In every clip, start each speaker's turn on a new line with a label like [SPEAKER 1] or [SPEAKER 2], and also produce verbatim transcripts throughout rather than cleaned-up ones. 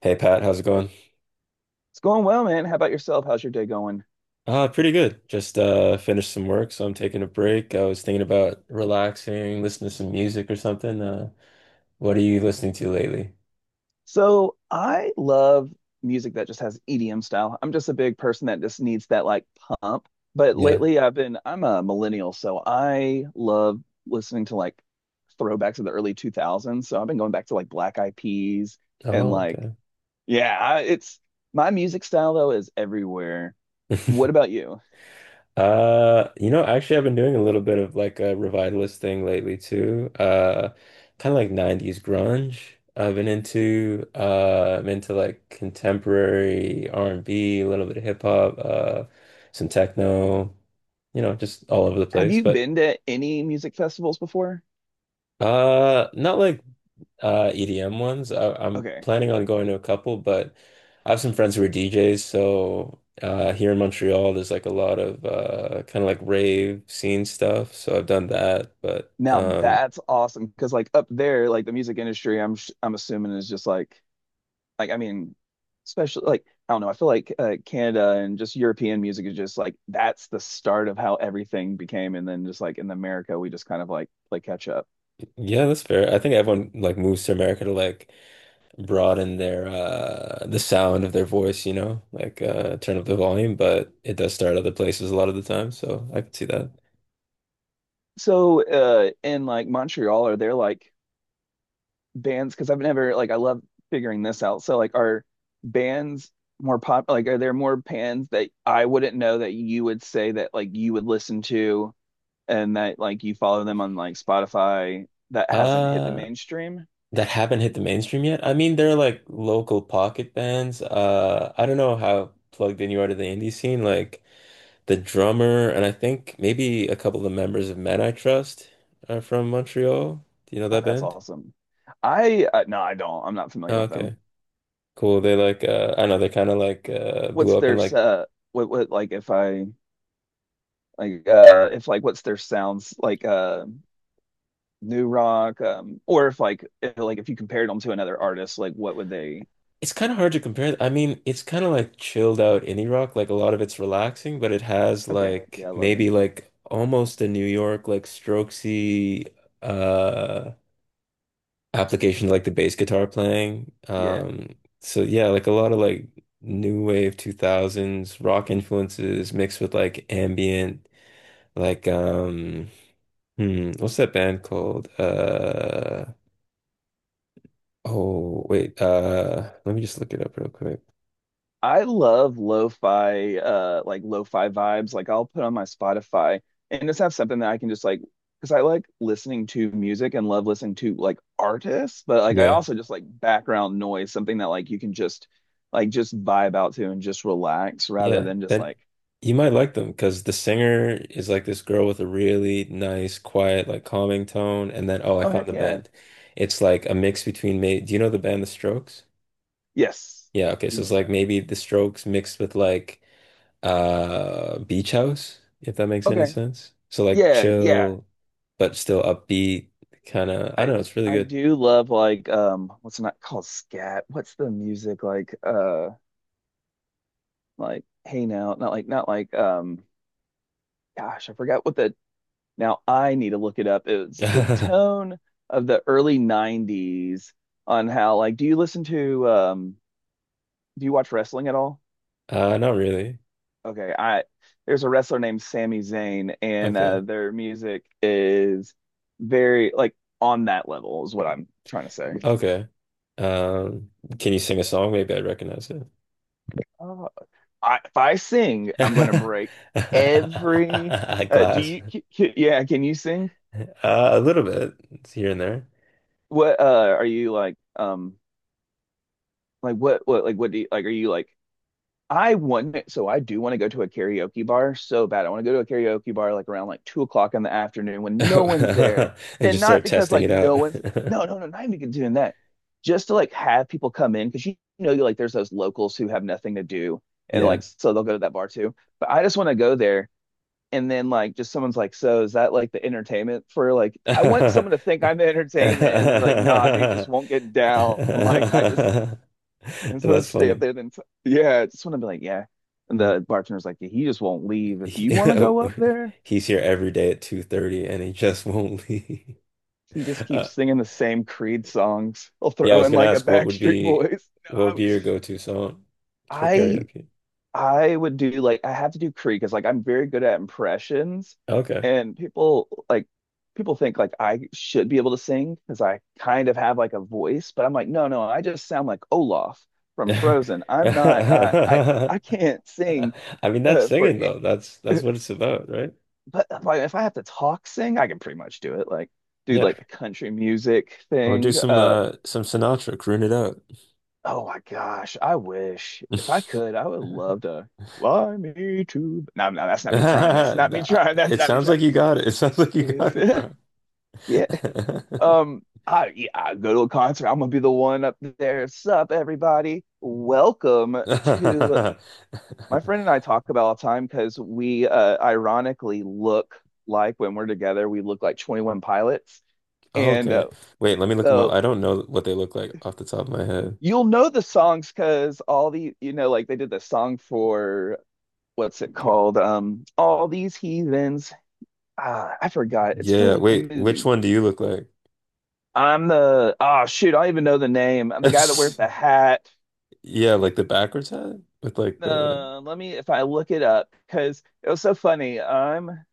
[SPEAKER 1] Hey Pat, how's it going?
[SPEAKER 2] It's going well, man. How about yourself? How's your day going?
[SPEAKER 1] Uh, pretty good. Just uh finished some work, so I'm taking a break. I was thinking about relaxing, listening to some music or something. Uh, what are you listening to lately?
[SPEAKER 2] So I love music that just has E D M style. I'm just a big person that just needs that like pump. But
[SPEAKER 1] Yeah.
[SPEAKER 2] lately I've been, I'm a millennial, so I love listening to like throwbacks of the early two thousands. So I've been going back to like Black Eyed Peas and
[SPEAKER 1] Oh,
[SPEAKER 2] like,
[SPEAKER 1] okay.
[SPEAKER 2] yeah, I- it's my music style though is everywhere. What about you?
[SPEAKER 1] Uh, you know, actually I've been doing a little bit of like a revivalist thing lately too. Uh, kind of like nineties grunge. I've been into uh I'm into like contemporary R and B, a little bit of hip hop, uh some techno, you know, just all over the
[SPEAKER 2] Have
[SPEAKER 1] place,
[SPEAKER 2] you
[SPEAKER 1] but
[SPEAKER 2] been to any music festivals before?
[SPEAKER 1] Uh, not like uh E D M ones. I, I'm planning on going to a couple, but I have some friends who are D Js, so uh here in Montreal there's like a lot of uh kind of like rave scene stuff, so I've done that, but
[SPEAKER 2] Now
[SPEAKER 1] um
[SPEAKER 2] that's awesome because like up there, like the music industry, I'm sh- I'm assuming is just like like I mean, especially like I don't know. I feel like uh, Canada and just European music is just like that's the start of how everything became, and then just like in America, we just kind of like play catch up.
[SPEAKER 1] yeah, that's fair. I think everyone like moves to America to like broaden their uh the sound of their voice, you know, like uh turn up the volume, but it does start other places a lot of the time, so I could see that.
[SPEAKER 2] So uh, in like Montreal, are there like bands? Because I've never like I love figuring this out. So like are bands more pop? Like are there more bands that I wouldn't know that you would say that like you would listen to? And that like you follow them on like Spotify that hasn't hit the
[SPEAKER 1] Uh,
[SPEAKER 2] mainstream.
[SPEAKER 1] that haven't hit the mainstream yet. I mean, they're like local pocket bands. Uh, I don't know how plugged in you are to the indie scene. Like the drummer, and I think maybe a couple of the members of Men I Trust are from Montreal. Do you know
[SPEAKER 2] Oh,
[SPEAKER 1] that
[SPEAKER 2] that's
[SPEAKER 1] band?
[SPEAKER 2] awesome. I uh, no, I don't. I'm not familiar
[SPEAKER 1] Oh,
[SPEAKER 2] with
[SPEAKER 1] okay,
[SPEAKER 2] them.
[SPEAKER 1] cool. They like uh, I don't know. They kind of like uh, blew
[SPEAKER 2] What's
[SPEAKER 1] up in
[SPEAKER 2] their
[SPEAKER 1] like
[SPEAKER 2] uh what what like if I like uh if like what's their sounds like uh new rock um or if like if, like if you compared them to another artist like what would they.
[SPEAKER 1] It's kind of hard to compare. I mean, it's kind of like chilled out indie rock. Like a lot of it's relaxing, but it has
[SPEAKER 2] Okay, yeah,
[SPEAKER 1] like
[SPEAKER 2] I love it.
[SPEAKER 1] maybe like almost a New York like Strokesy uh application like the bass guitar playing.
[SPEAKER 2] Yeah.
[SPEAKER 1] Um so yeah, like a lot of like new wave two thousands rock influences mixed with like ambient like um hmm, what's that band called? Uh oh, wait. Uh let me just look it up real quick.
[SPEAKER 2] I love lo-fi, uh, like lo-fi vibes. Like I'll put on my Spotify and just have something that I can just like, because I like listening to music and love listening to like artists, but like I
[SPEAKER 1] Yeah.
[SPEAKER 2] also just like background noise, something that like you can just like just vibe out to and just relax rather
[SPEAKER 1] Yeah,
[SPEAKER 2] than just
[SPEAKER 1] then
[SPEAKER 2] like,
[SPEAKER 1] you might like them because the singer is like this girl with a really nice, quiet, like calming tone. And then, oh, I
[SPEAKER 2] oh
[SPEAKER 1] found
[SPEAKER 2] heck
[SPEAKER 1] the
[SPEAKER 2] yeah,
[SPEAKER 1] band. It's like a mix between me. Do you know the band The Strokes?
[SPEAKER 2] yes,
[SPEAKER 1] Yeah, okay.
[SPEAKER 2] you
[SPEAKER 1] So it's
[SPEAKER 2] know
[SPEAKER 1] like
[SPEAKER 2] them.
[SPEAKER 1] maybe The Strokes mixed with like uh Beach House, if that makes any
[SPEAKER 2] Okay,
[SPEAKER 1] sense. So like
[SPEAKER 2] yeah, yeah.
[SPEAKER 1] chill, but still upbeat, kind of. I
[SPEAKER 2] I
[SPEAKER 1] don't know. It's really
[SPEAKER 2] I
[SPEAKER 1] good.
[SPEAKER 2] do love like um, what's it not called scat? What's the music like? Uh, like hey now, not like not like um. Gosh, I forgot what the. Now I need to look it up. It was the tone of the early nineties on how like do you listen to um do you watch wrestling at all?
[SPEAKER 1] Uh, not really.
[SPEAKER 2] Okay, I there's a wrestler named Sami Zayn and uh
[SPEAKER 1] Okay.
[SPEAKER 2] their music is very like on that level is what I'm trying to say.
[SPEAKER 1] Okay. Um, can you sing a song? Maybe I recognize it.
[SPEAKER 2] Oh, I, if I sing, I'm going to break every uh do
[SPEAKER 1] Glass.
[SPEAKER 2] you c- c- yeah, can you sing?
[SPEAKER 1] Uh, a little bit. It's here and there.
[SPEAKER 2] What uh are you like um like what what like what do you like are you like I want so I do want to go to a karaoke bar so bad. I want to go to a karaoke bar like around like two o'clock in the afternoon when no one's there,
[SPEAKER 1] And
[SPEAKER 2] and
[SPEAKER 1] just
[SPEAKER 2] not
[SPEAKER 1] start
[SPEAKER 2] because
[SPEAKER 1] testing
[SPEAKER 2] like
[SPEAKER 1] it out.
[SPEAKER 2] no one's no, no, no, not even doing that, just to like have people come in because you know you like there's those locals who have nothing to do and like
[SPEAKER 1] Yeah.
[SPEAKER 2] so they'll go to that bar too. But I just want to go there and then like just someone's like, so is that like the entertainment for like I want someone to think I'm the entertainment and then like nah, dude just
[SPEAKER 1] That's
[SPEAKER 2] won't get down. Like I just I just want to stay up
[SPEAKER 1] funny.
[SPEAKER 2] there then yeah, I just want to be like, yeah. And the bartender's like, he just won't leave. If you
[SPEAKER 1] He-
[SPEAKER 2] want to go up there,
[SPEAKER 1] He's here every day at two thirty and he just won't leave.
[SPEAKER 2] he just keeps
[SPEAKER 1] Uh,
[SPEAKER 2] singing the same Creed songs. He'll
[SPEAKER 1] yeah, I
[SPEAKER 2] throw
[SPEAKER 1] was
[SPEAKER 2] in
[SPEAKER 1] gonna
[SPEAKER 2] like a
[SPEAKER 1] ask what would
[SPEAKER 2] Backstreet
[SPEAKER 1] be
[SPEAKER 2] Boys.
[SPEAKER 1] what would
[SPEAKER 2] No,
[SPEAKER 1] be your go-to song for
[SPEAKER 2] I
[SPEAKER 1] karaoke?
[SPEAKER 2] I would do like I have to do Creed because like I'm very good at impressions
[SPEAKER 1] Okay.
[SPEAKER 2] and people like people think like I should be able to sing because I kind of have like a voice, but I'm like, no, no, I just sound like Olaf from Frozen. I'm not uh, I I can't sing.
[SPEAKER 1] I mean, that's
[SPEAKER 2] Uh, for
[SPEAKER 1] singing though. That's That's what it's about, right?
[SPEAKER 2] But if I if I have to talk sing, I can pretty much do it. Like do
[SPEAKER 1] Yeah.
[SPEAKER 2] like the country music
[SPEAKER 1] Or do
[SPEAKER 2] thing.
[SPEAKER 1] some
[SPEAKER 2] Uh
[SPEAKER 1] uh some Sinatra, croon it out.
[SPEAKER 2] oh my gosh, I wish if I could, I would love to fly me to. No, no, that's not me trying. That's
[SPEAKER 1] Nah,
[SPEAKER 2] not me trying. That's
[SPEAKER 1] it
[SPEAKER 2] not me
[SPEAKER 1] sounds
[SPEAKER 2] trying.
[SPEAKER 1] like you got it. It sounds like you got it,
[SPEAKER 2] It's-
[SPEAKER 1] bro.
[SPEAKER 2] Yeah. Um. I yeah. I go to a concert. I'm gonna be the one up there. Sup, everybody. Welcome to My friend and I talk about all the time because we uh, ironically look like when we're together, we look like twenty one Pilots. And
[SPEAKER 1] Okay.
[SPEAKER 2] uh,
[SPEAKER 1] Wait, let me look them up.
[SPEAKER 2] so
[SPEAKER 1] I don't know what they look like off the top of my head.
[SPEAKER 2] you'll know the songs because all the, you know, like they did the song for what's it called? Um, all these heathens. Ah, I forgot. It's for
[SPEAKER 1] Yeah,
[SPEAKER 2] like the
[SPEAKER 1] wait, which
[SPEAKER 2] movie.
[SPEAKER 1] one do you look like?
[SPEAKER 2] I'm the, oh shoot, I don't even know the name. I'm the guy that wears the hat.
[SPEAKER 1] Yeah, like the backwards hat with like the
[SPEAKER 2] Uh, let me, if I look it up, because it was so funny. I'm,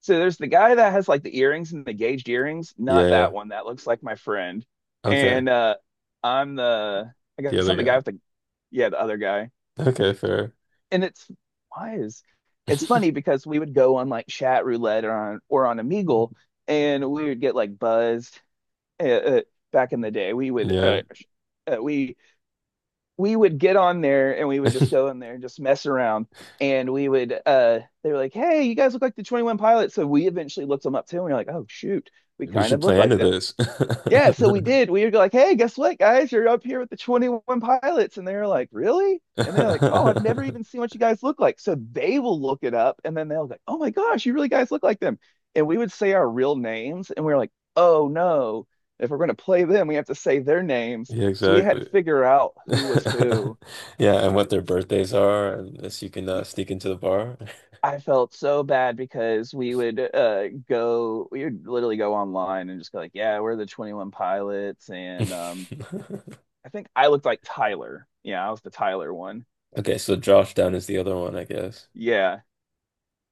[SPEAKER 2] so there's the guy that has like the earrings and the gauged earrings,
[SPEAKER 1] yeah,
[SPEAKER 2] not
[SPEAKER 1] yeah.
[SPEAKER 2] that one. That looks like my friend.
[SPEAKER 1] Okay.
[SPEAKER 2] And uh I'm the I
[SPEAKER 1] The
[SPEAKER 2] guess
[SPEAKER 1] other
[SPEAKER 2] I'm the guy
[SPEAKER 1] guy.
[SPEAKER 2] with the, yeah, the other guy.
[SPEAKER 1] Okay, fair.
[SPEAKER 2] And it's wise. It's funny because we would go on like chat roulette or on or on Omegle, and we would get like buzzed. Uh, uh, back in the day, we would
[SPEAKER 1] Yeah.
[SPEAKER 2] uh, uh, we we would get on there and we would just go in there and just mess around. And we would uh, they were like, "Hey, you guys look like the Twenty One Pilots." So we eventually looked them up too, and we are like, "Oh shoot, we
[SPEAKER 1] You
[SPEAKER 2] kind
[SPEAKER 1] should
[SPEAKER 2] of look
[SPEAKER 1] play
[SPEAKER 2] like
[SPEAKER 1] into
[SPEAKER 2] them."
[SPEAKER 1] this.
[SPEAKER 2] Yeah, so we did. We were like, hey, guess what, guys? You're up here with the twenty one pilots. And they were like, really? And they're like, oh, I've never even seen what you guys look like. So they will look it up and then they'll be like, oh my gosh, you really guys look like them. And we would say our real names and we are like, oh no, if we're going to play them, we have to say their names.
[SPEAKER 1] Yeah,
[SPEAKER 2] So we had to
[SPEAKER 1] exactly.
[SPEAKER 2] figure out who was who.
[SPEAKER 1] Yeah, and what their birthdays are, and this you can uh, sneak into the bar.
[SPEAKER 2] I felt so bad because we would uh go, we would literally go online and just go like, yeah, we're the twenty one pilots and um I think I looked like Tyler. Yeah, I was the Tyler one.
[SPEAKER 1] Okay, so Josh Down is the other one, I guess.
[SPEAKER 2] Yeah.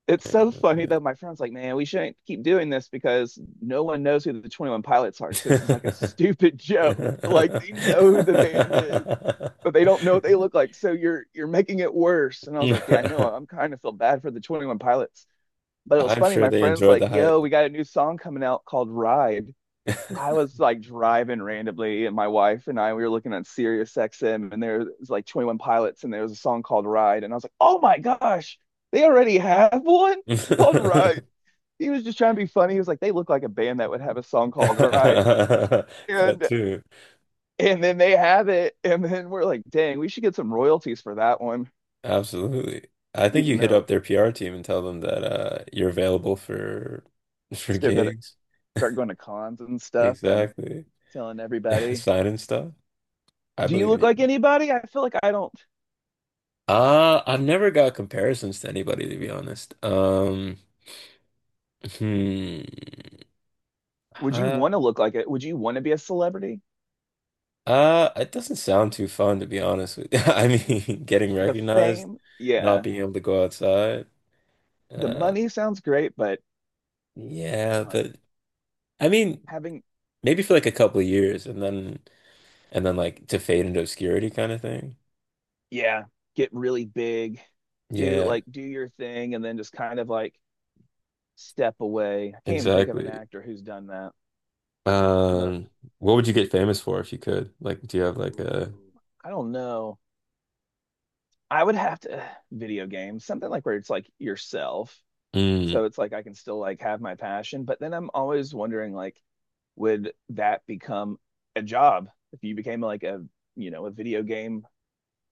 [SPEAKER 2] It's so funny
[SPEAKER 1] Okay.
[SPEAKER 2] that my friend's like, man, we shouldn't keep doing this because no one knows who the twenty one Pilots are. So this is like a stupid joke. Like they know who the band is, but they don't know what they look like. So you're you're making it worse. And I was like, yeah, I know. I'm kind of feel bad for the twenty one Pilots. But it was
[SPEAKER 1] I'm
[SPEAKER 2] funny.
[SPEAKER 1] sure
[SPEAKER 2] My
[SPEAKER 1] they
[SPEAKER 2] friend's
[SPEAKER 1] enjoyed
[SPEAKER 2] like,
[SPEAKER 1] the hype.
[SPEAKER 2] yo, we got a new song coming out called Ride. I was like driving randomly, and my wife and I we were looking at Sirius X M, and there was like twenty one Pilots, and there was a song called Ride, and I was like, oh my gosh, they already have one called Ride. He was just trying to be funny. He was like, they look like a band that would have a song called Ride,
[SPEAKER 1] Cut
[SPEAKER 2] and
[SPEAKER 1] two.
[SPEAKER 2] and then they have it, and then we're like, dang, we should get some royalties for that one,
[SPEAKER 1] Absolutely. I think you
[SPEAKER 2] even
[SPEAKER 1] hit up
[SPEAKER 2] though
[SPEAKER 1] their P R team and tell them that uh you're available for for
[SPEAKER 2] still got to
[SPEAKER 1] gigs.
[SPEAKER 2] start going to cons and stuff and
[SPEAKER 1] Exactly.
[SPEAKER 2] telling everybody,
[SPEAKER 1] Sign and stuff. I
[SPEAKER 2] do you
[SPEAKER 1] believe in
[SPEAKER 2] look like
[SPEAKER 1] you.
[SPEAKER 2] anybody? I feel like I don't.
[SPEAKER 1] Uh, I've never got comparisons to anybody to be honest. Um, hmm.
[SPEAKER 2] Would you
[SPEAKER 1] Uh,
[SPEAKER 2] want to look like it? Would you want to be a celebrity?
[SPEAKER 1] uh, it doesn't sound too fun to be honest with you. I mean, getting
[SPEAKER 2] The
[SPEAKER 1] recognized,
[SPEAKER 2] fame,
[SPEAKER 1] not
[SPEAKER 2] yeah.
[SPEAKER 1] being able to go outside.
[SPEAKER 2] The
[SPEAKER 1] Uh,
[SPEAKER 2] money sounds great, but
[SPEAKER 1] yeah,
[SPEAKER 2] like
[SPEAKER 1] but I mean,
[SPEAKER 2] having,
[SPEAKER 1] maybe for like a couple of years and then and then like to fade into obscurity kind of thing.
[SPEAKER 2] yeah, get really big, do
[SPEAKER 1] Yeah,
[SPEAKER 2] like do your thing, and then just kind of like step away. I can't even think of an
[SPEAKER 1] exactly.
[SPEAKER 2] actor who's done that, but
[SPEAKER 1] Um, what would you get famous for if you could? Like, do you have like a,
[SPEAKER 2] ooh, I don't know. I would have to video games, something like where it's like yourself.
[SPEAKER 1] mm,
[SPEAKER 2] So it's like I can still like have my passion, but then I'm always wondering like would that become a job if you became like a, you know, a video game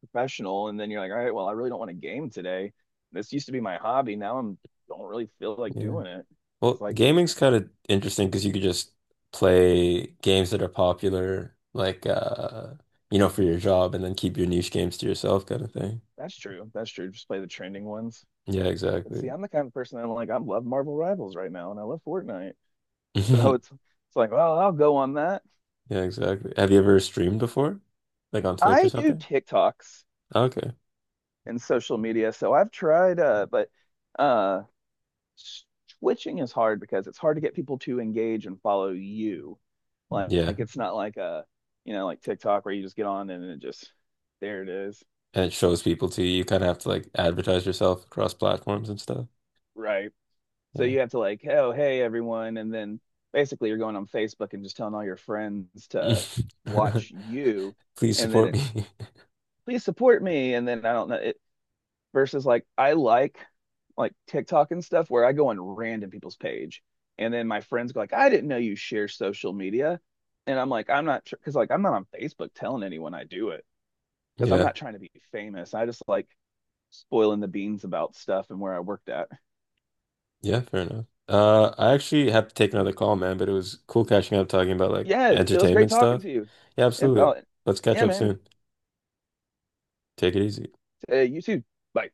[SPEAKER 2] professional and then you're like, all right, well, I really don't want to game today. This used to be my hobby. Now I'm don't really feel like
[SPEAKER 1] yeah.
[SPEAKER 2] doing it. It's
[SPEAKER 1] Well,
[SPEAKER 2] like
[SPEAKER 1] gaming's kind of interesting because you could just play games that are popular, like uh, you know, for your job and then keep your niche games to yourself kind of thing.
[SPEAKER 2] that's true, that's true, just play the trending ones.
[SPEAKER 1] Yeah,
[SPEAKER 2] But see,
[SPEAKER 1] exactly.
[SPEAKER 2] I'm the kind of person that I'm like I love Marvel Rivals right now and I love Fortnite. So it's it's like well I'll go on that.
[SPEAKER 1] Yeah, exactly. Have you ever streamed before? Like on Twitch or
[SPEAKER 2] I do
[SPEAKER 1] something?
[SPEAKER 2] TikToks
[SPEAKER 1] Okay.
[SPEAKER 2] and social media, so I've tried uh but uh switching is hard because it's hard to get people to engage and follow you. Like,
[SPEAKER 1] Yeah.
[SPEAKER 2] like it's not like a, you know, like TikTok where you just get on and it just there it is.
[SPEAKER 1] And it shows people to you. You kind of have to like advertise yourself across platforms and stuff.
[SPEAKER 2] Right. So you have to like, oh, hey everyone, and then basically you're going on Facebook and just telling all your friends
[SPEAKER 1] Yeah.
[SPEAKER 2] to watch you,
[SPEAKER 1] Please
[SPEAKER 2] and then
[SPEAKER 1] support
[SPEAKER 2] it's
[SPEAKER 1] me.
[SPEAKER 2] please support me, and then I don't know. It, versus like I like like TikTok and stuff where I go on random people's page and then my friends go like I didn't know you share social media and I'm like I'm not sure, because like I'm not on Facebook telling anyone I do it because I'm
[SPEAKER 1] Yeah,
[SPEAKER 2] not trying to be famous. I just like spoiling the beans about stuff and where I worked at.
[SPEAKER 1] yeah, fair enough. Uh, I actually have to take another call, man, but it was cool catching up talking about like
[SPEAKER 2] Yeah, it was great
[SPEAKER 1] entertainment
[SPEAKER 2] talking
[SPEAKER 1] stuff.
[SPEAKER 2] to you.
[SPEAKER 1] Yeah,
[SPEAKER 2] And
[SPEAKER 1] absolutely.
[SPEAKER 2] about
[SPEAKER 1] Let's catch
[SPEAKER 2] yeah,
[SPEAKER 1] up
[SPEAKER 2] man.
[SPEAKER 1] soon. Take it easy.
[SPEAKER 2] Uh, you too. Bye.